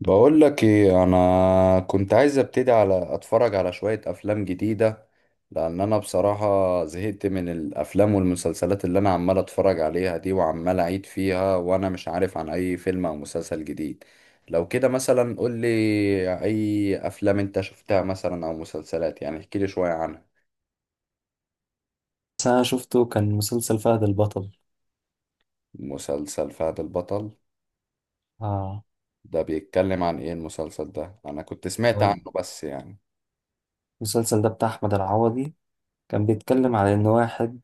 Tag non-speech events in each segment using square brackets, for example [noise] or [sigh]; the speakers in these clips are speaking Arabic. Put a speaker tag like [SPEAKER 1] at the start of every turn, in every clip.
[SPEAKER 1] بقول لك ايه، انا كنت عايز ابتدي على اتفرج على شوية افلام جديدة، لان انا بصراحة زهقت من الافلام والمسلسلات اللي انا عمال اتفرج عليها دي وعمال اعيد فيها، وانا مش عارف عن اي فيلم او مسلسل جديد. لو كده مثلا قول لي اي افلام انت شفتها مثلا او مسلسلات، يعني احكي لي شوية عنها.
[SPEAKER 2] بس أنا شفته كان مسلسل فهد البطل.
[SPEAKER 1] مسلسل فهد البطل؟
[SPEAKER 2] آه.
[SPEAKER 1] ده بيتكلم عن ايه المسلسل ده؟ انا كنت سمعت
[SPEAKER 2] هو
[SPEAKER 1] عنه بس يعني.
[SPEAKER 2] المسلسل ده بتاع أحمد العوضي، كان بيتكلم على إن واحد،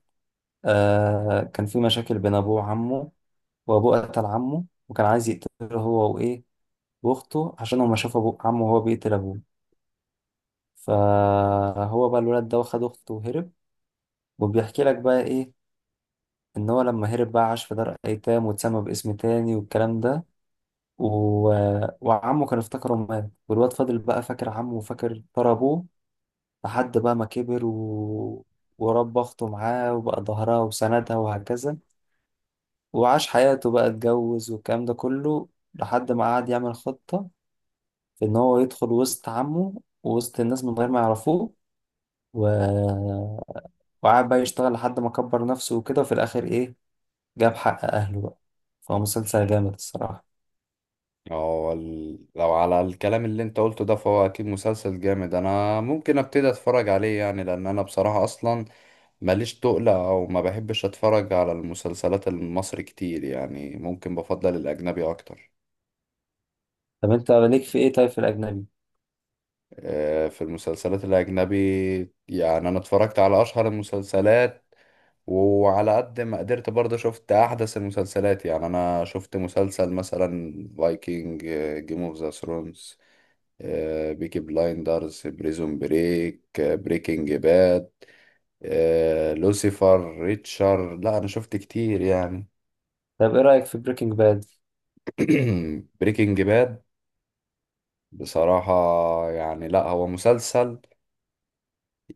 [SPEAKER 2] كان في مشاكل بين أبوه وعمه، وأبوه قتل عمه وكان عايز يقتله هو وإيه وأخته، عشان هو ما شاف أبوه عمه وهو بيقتل أبوه. فهو بقى الولد ده واخد أخته وهرب، وبيحكي لك بقى إيه، إن هو لما هرب بقى عاش في دار أيتام واتسمى باسم تاني والكلام ده. و... وعمه كان افتكره مات، والواد فضل بقى فاكر عمه وفاكر ترى أبوه، لحد بقى ما كبر ورب أخته معاه وبقى ظهرها وسندها وهكذا. وعاش حياته بقى، اتجوز والكلام ده كله، لحد ما قعد يعمل خطة في إن هو يدخل وسط عمه ووسط الناس من غير ما يعرفوه. و... وقعد بقى يشتغل لحد ما كبر نفسه وكده، وفي الآخر إيه، جاب حق أهله بقى. فهو مسلسل جامد الصراحة.
[SPEAKER 1] لو على الكلام اللي انت قلته ده، فهو اكيد مسلسل جامد، انا ممكن ابتدي اتفرج عليه يعني، لان انا بصراحة اصلا ماليش تقلة او ما بحبش اتفرج على المسلسلات المصري كتير، يعني ممكن بفضل الاجنبي اكتر.
[SPEAKER 2] طب أنت ليك في إيه طيب في الأجنبي؟
[SPEAKER 1] آه، في المسلسلات الاجنبي. يعني انا اتفرجت على اشهر المسلسلات، وعلى قد ما قدرت برضه شفت احدث المسلسلات. يعني انا شفت مسلسل مثلا فايكنج، جيم اوف ذا ثرونز، آه، بيكي بلايندرز، بريزون بريك، آه، بريكنج باد، آه، لوسيفر، ريتشر. لا انا شفت كتير يعني.
[SPEAKER 2] طب إيه رأيك في بريكنج باد؟
[SPEAKER 1] [clears throat] بريكنج باد، بصراحة يعني، لا هو مسلسل.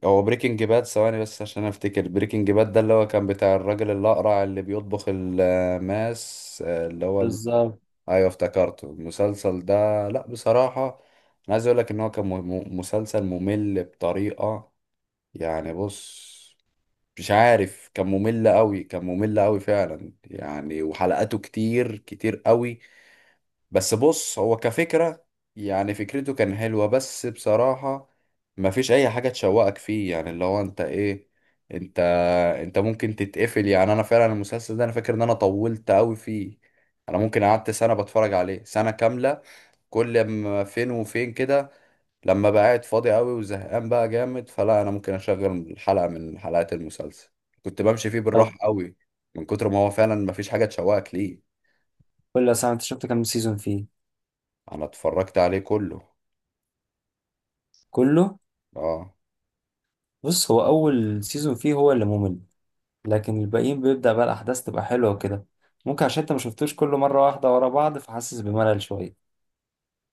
[SPEAKER 1] هو بريكنج باد ثواني بس عشان افتكر. بريكنج باد ده اللي هو كان بتاع الراجل الأقرع اللي بيطبخ الماس، آه،
[SPEAKER 2] بالظبط.
[SPEAKER 1] ايوه افتكرته المسلسل ده. لا بصراحة، انا عايز اقول لك ان هو كان مسلسل ممل بطريقة، يعني بص، مش عارف، كان ممل قوي، كان ممل قوي فعلا يعني، وحلقاته كتير كتير قوي. بس بص هو كفكرة، يعني فكرته كان حلوة، بس بصراحة ما فيش اي حاجة تشوقك فيه، يعني اللي هو انت ايه، انت انت ممكن تتقفل. يعني انا فعلا المسلسل ده انا فاكر ان انا طولت قوي فيه. انا ممكن قعدت سنة بتفرج عليه، سنة كاملة. كل ما فين وفين كده، لما بقى قاعد فاضي قوي وزهقان بقى جامد، فلا انا ممكن اشغل حلقة من حلقات المسلسل. كنت بمشي فيه
[SPEAKER 2] طب
[SPEAKER 1] بالراحة قوي، من كتر ما هو فعلا مفيش حاجة تشوقك ليه.
[SPEAKER 2] قول لي يا سامي، أنت شفت كام سيزون فيه؟
[SPEAKER 1] انا اتفرجت عليه كله.
[SPEAKER 2] كله؟
[SPEAKER 1] اه.
[SPEAKER 2] بص هو اول سيزون فيه هو اللي ممل، لكن الباقيين بيبدأ بقى الاحداث تبقى حلوة وكده. ممكن عشان انت ما شفتوش كل مرة واحدة ورا بعض، فحاسس بملل شوية.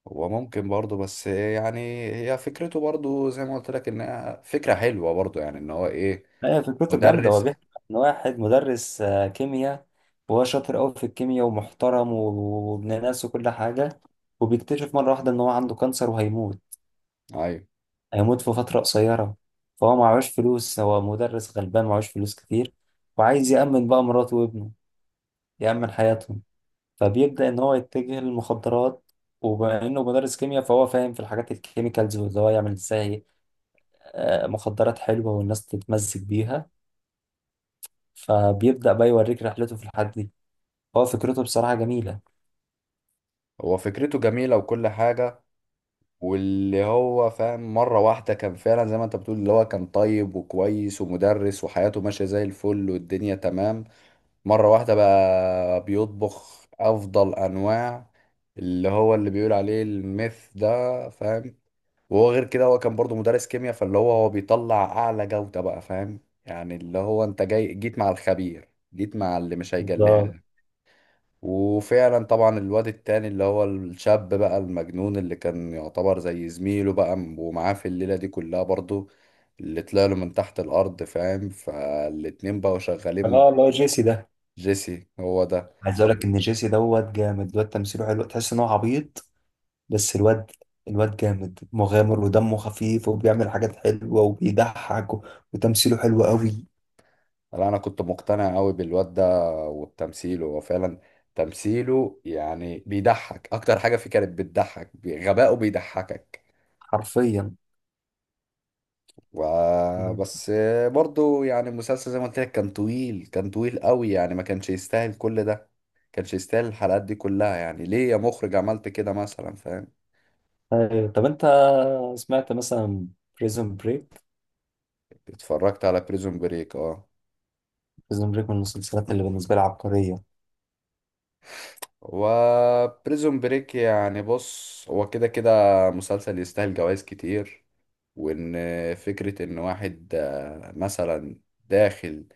[SPEAKER 1] هو ممكن برضه، بس يعني هي فكرته برضه زي ما قلت لك انها فكرة حلوة برضه، يعني ان هو ايه.
[SPEAKER 2] هي فكرته جامدة، هو
[SPEAKER 1] مدرس.
[SPEAKER 2] بيحكي عن واحد مدرس كيمياء، وهو شاطر قوي في الكيمياء ومحترم وابن ناس وكل حاجة. وبيكتشف مرة واحدة ان هو عنده كانسر وهيموت.
[SPEAKER 1] ايوه،
[SPEAKER 2] هيموت في فترة قصيرة. فهو معهوش فلوس، هو مدرس غلبان معهوش فلوس كتير، وعايز يأمن بقى مراته وابنه، يأمن حياتهم. فبيبدأ إن هو يتجه للمخدرات، وبما إنه مدرس كيمياء فهو فاهم في الحاجات الكيميكالز واللي هو يعمل إزاي، مخدرات حلوة والناس تتمزج بيها. فبيبدأ بقى يوريك رحلته في الحد دي. هو فكرته بصراحة جميلة.
[SPEAKER 1] هو فكرته جميلة وكل حاجة. واللي هو فاهم مرة واحدة، كان فعلا زي ما انت بتقول، اللي هو كان طيب وكويس ومدرس وحياته ماشية زي الفل والدنيا تمام. مرة واحدة بقى بيطبخ أفضل أنواع، اللي هو اللي بيقول عليه الميث ده، فاهم؟ وهو غير كده هو كان برضو مدرس كيمياء، فاللي هو هو بيطلع أعلى جودة بقى، فاهم؟ يعني اللي هو أنت جاي جيت مع الخبير، جيت مع اللي مش هيجليها
[SPEAKER 2] بالظبط.
[SPEAKER 1] لك. وفعلا طبعا الواد التاني اللي هو الشاب بقى المجنون اللي كان يعتبر زي زميله بقى، ومعاه في الليلة دي كلها برضو، اللي طلع له من تحت الأرض، فاهم؟ فالاتنين بقوا شغالين مع.
[SPEAKER 2] اه، اللي هو جيسي ده.
[SPEAKER 1] جيسي هو ده.
[SPEAKER 2] عايز اقول لك ان جيسي دوت جامد، الواد تمثيله حلو، تحس ان هو عبيط. بس الواد جامد مغامر ودمه خفيف وبيعمل حاجات حلوة وبيضحك وتمثيله حلو قوي.
[SPEAKER 1] لا انا كنت مقتنع قوي بالواد ده وبتمثيله، هو فعلا تمثيله يعني بيضحك، اكتر حاجه فيه كانت بتضحك، غباؤه بيضحكك
[SPEAKER 2] حرفيا.
[SPEAKER 1] و- بس برضو يعني المسلسل زي ما قلت لك كان طويل، كان طويل قوي يعني، ما كانش يستاهل كل ده، كانش يستاهل الحلقات دي كلها. يعني ليه يا مخرج عملت كده مثلا، فاهم؟
[SPEAKER 2] ايوه. طب انت سمعت مثلا بريزون بريك؟
[SPEAKER 1] اتفرجت على بريزون بريك، اه.
[SPEAKER 2] بريزون بريك من المسلسلات اللي بالنسبه لي عبقريه.
[SPEAKER 1] و بريزون بريك يعني بص، هو كده كده مسلسل يستاهل جوائز كتير. وان فكرة ان واحد آه، مثلا داخل،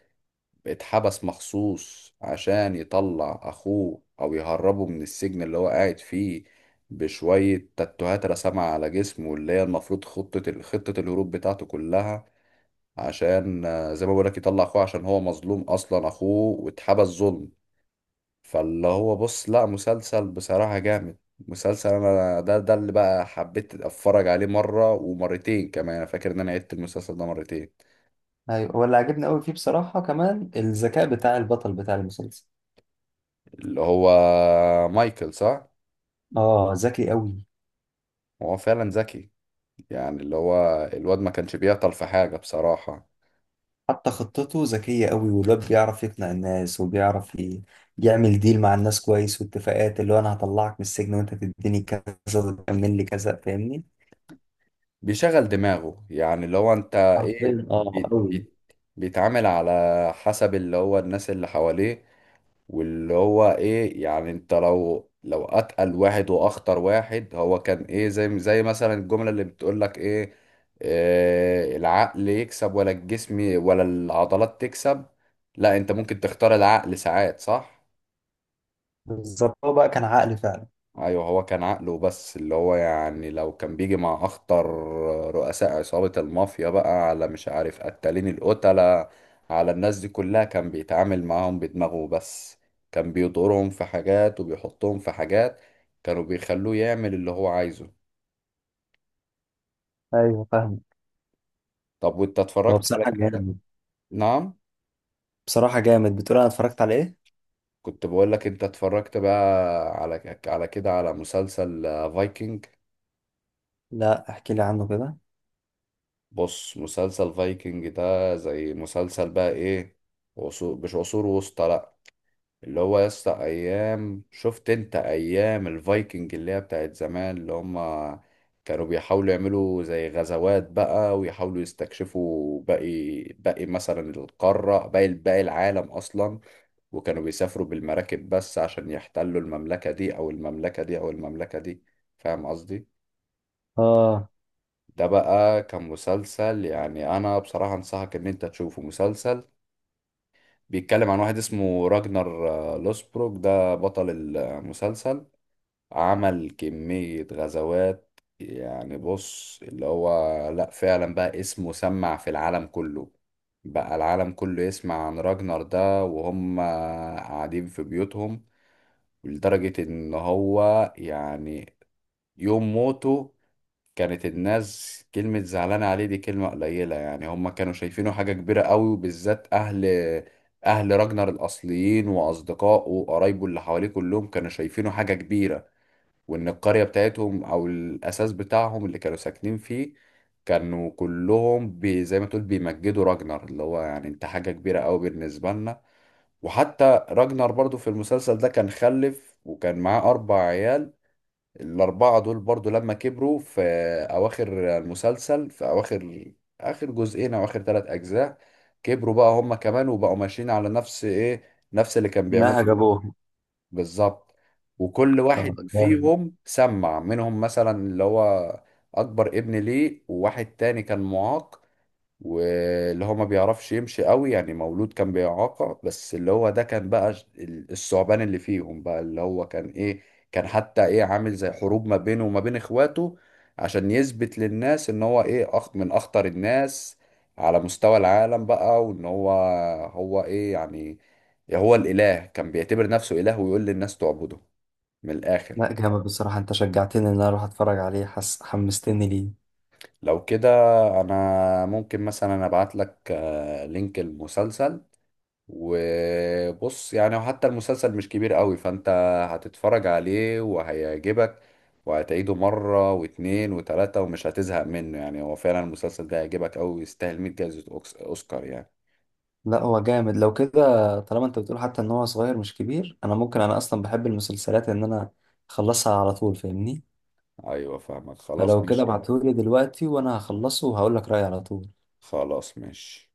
[SPEAKER 1] اتحبس مخصوص عشان يطلع اخوه او يهربه من السجن اللي هو قاعد فيه، بشوية تاتوهات رسمها على جسمه اللي هي المفروض خطة الهروب بتاعته كلها، عشان آه، زي ما بقولك يطلع اخوه عشان هو مظلوم اصلا اخوه واتحبس ظلم. فاللي هو بص، لا مسلسل بصراحة جامد، مسلسل انا ده اللي بقى حبيت اتفرج عليه مرة ومرتين كمان، انا فاكر ان انا عدت المسلسل ده مرتين.
[SPEAKER 2] ايوه، واللي عجبني قوي فيه بصراحه كمان الذكاء بتاع البطل بتاع المسلسل.
[SPEAKER 1] اللي هو مايكل، صح؟
[SPEAKER 2] اه ذكي قوي.
[SPEAKER 1] هو فعلا ذكي، يعني اللي هو الواد ما كانش بيعطل في حاجة بصراحة.
[SPEAKER 2] حتى خطته ذكيه قوي، والواد بيعرف يقنع الناس وبيعرف يعمل ديل مع الناس كويس واتفاقات، اللي هو انا هطلعك من السجن وانت تديني كذا وتكمل لي كذا، فاهمني؟
[SPEAKER 1] بيشغل دماغه، يعني اللي هو انت ايه،
[SPEAKER 2] حرفيا، اه
[SPEAKER 1] بي
[SPEAKER 2] قوي.
[SPEAKER 1] بي بيتعامل على حسب اللي هو الناس اللي حواليه، واللي هو ايه يعني، انت لو اتقل واحد واخطر واحد هو كان ايه، زي مثلا الجملة اللي بتقول لك ايه، آه، العقل يكسب ولا الجسم ولا العضلات تكسب؟ لا، انت ممكن تختار العقل ساعات، صح؟
[SPEAKER 2] بالظبط، هو بقى كان عقلي فعلا.
[SPEAKER 1] ايوه، هو كان عقله بس. اللي هو يعني لو كان بيجي مع اخطر رؤساء عصابة المافيا بقى، على مش عارف قتالين القتلة، على الناس دي كلها، كان بيتعامل معاهم بدماغه بس. كان بيضرهم في حاجات وبيحطهم في حاجات، كانوا بيخلوه يعمل اللي هو عايزه.
[SPEAKER 2] ايوه فاهم.
[SPEAKER 1] طب وانت
[SPEAKER 2] هو
[SPEAKER 1] اتفرجت على
[SPEAKER 2] بصراحه
[SPEAKER 1] كده؟
[SPEAKER 2] جامد.
[SPEAKER 1] نعم؟
[SPEAKER 2] بصراحه جامد، بتقول انا اتفرجت على ايه؟
[SPEAKER 1] كنت بقول لك انت اتفرجت بقى، على على كده، على مسلسل فايكنج.
[SPEAKER 2] لا احكي لي عنه كده.
[SPEAKER 1] بص مسلسل فايكنج ده زي مسلسل بقى ايه، عصور، مش عصور وسطى لا، اللي هو يا اسطى، ايام، شفت انت ايام الفايكنج اللي هي بتاعت زمان، اللي هما كانوا بيحاولوا يعملوا زي غزوات بقى، ويحاولوا يستكشفوا باقي باقي مثلا القارة، باقي باقي العالم اصلا. وكانوا بيسافروا بالمراكب بس عشان يحتلوا المملكة دي او المملكة دي او المملكة دي، فاهم قصدي؟
[SPEAKER 2] اه،
[SPEAKER 1] ده بقى كان مسلسل يعني انا بصراحة انصحك ان انت تشوفه. مسلسل بيتكلم عن واحد اسمه راجنر آه، لوسبروك، ده بطل المسلسل. عمل كمية غزوات يعني، بص اللي هو، لا فعلا بقى اسمه سمع في العالم كله، بقى العالم كله يسمع عن راجنر ده وهم قاعدين في بيوتهم. لدرجة ان هو يعني يوم موته، كانت الناس كلمة زعلانة عليه دي كلمة قليلة، يعني هم كانوا شايفينه حاجة كبيرة قوي، وبالذات أهل، أهل راجنر الأصليين وأصدقائه وقرايبه اللي حواليه كلهم كانوا شايفينه حاجة كبيرة. وإن القرية بتاعتهم أو الأساس بتاعهم اللي كانوا ساكنين فيه، كانوا كلهم بي، زي ما تقول بيمجدوا راجنر، اللي هو يعني أنت حاجة كبيرة قوي بالنسبة لنا. وحتى راجنر برضو في المسلسل ده كان خلف، وكان معاه أربع عيال. الأربعة دول برضو لما كبروا في أواخر المسلسل، في أواخر، آخر جزئين أو آخر ثلاث أجزاء، كبروا بقى هما كمان وبقوا ماشيين على نفس إيه، نفس اللي كان
[SPEAKER 2] نهج
[SPEAKER 1] بيعمله.
[SPEAKER 2] ابوه.
[SPEAKER 1] بالظبط. وكل
[SPEAKER 2] اه
[SPEAKER 1] واحد
[SPEAKER 2] جامد.
[SPEAKER 1] فيهم سمع منهم مثلا اللي هو، أكبر ابن ليه وواحد تاني كان معاق، واللي هو ما بيعرفش يمشي قوي، يعني مولود كان بإعاقة، بس اللي هو ده كان بقى الثعبان اللي فيهم بقى، اللي هو كان ايه، كان حتى ايه، عامل زي حروب ما بينه وما بين اخواته، عشان يثبت للناس ان هو ايه أخ من اخطر الناس على مستوى العالم بقى، وان هو، هو ايه يعني، هو الإله، كان بيعتبر نفسه إله ويقول للناس تعبده، من الآخر.
[SPEAKER 2] لا جامد بصراحة، انت شجعتني ان انا اروح اتفرج عليه، حس حمستني ليه.
[SPEAKER 1] لو كده انا ممكن مثلا ابعت لك آه، لينك المسلسل. وبص يعني وحتى المسلسل مش كبير قوي، فانت هتتفرج عليه وهيعجبك، وهتعيده مرة واتنين وتلاتة ومش هتزهق منه. يعني هو فعلا المسلسل ده هيعجبك قوي ويستاهل 100 جائزة أوسكار يعني.
[SPEAKER 2] لا هو جامد. لو كده، طالما انت بتقول حتى ان هو صغير مش كبير، انا ممكن، انا اصلا بحب المسلسلات ان انا اخلصها على طول، فاهمني؟
[SPEAKER 1] أيوة فاهمك، خلاص
[SPEAKER 2] فلو كده
[SPEAKER 1] ماشي.
[SPEAKER 2] ابعتهولي دلوقتي وانا هخلصه وهقول لك رأيي على طول.
[SPEAKER 1] خلاص ماشي.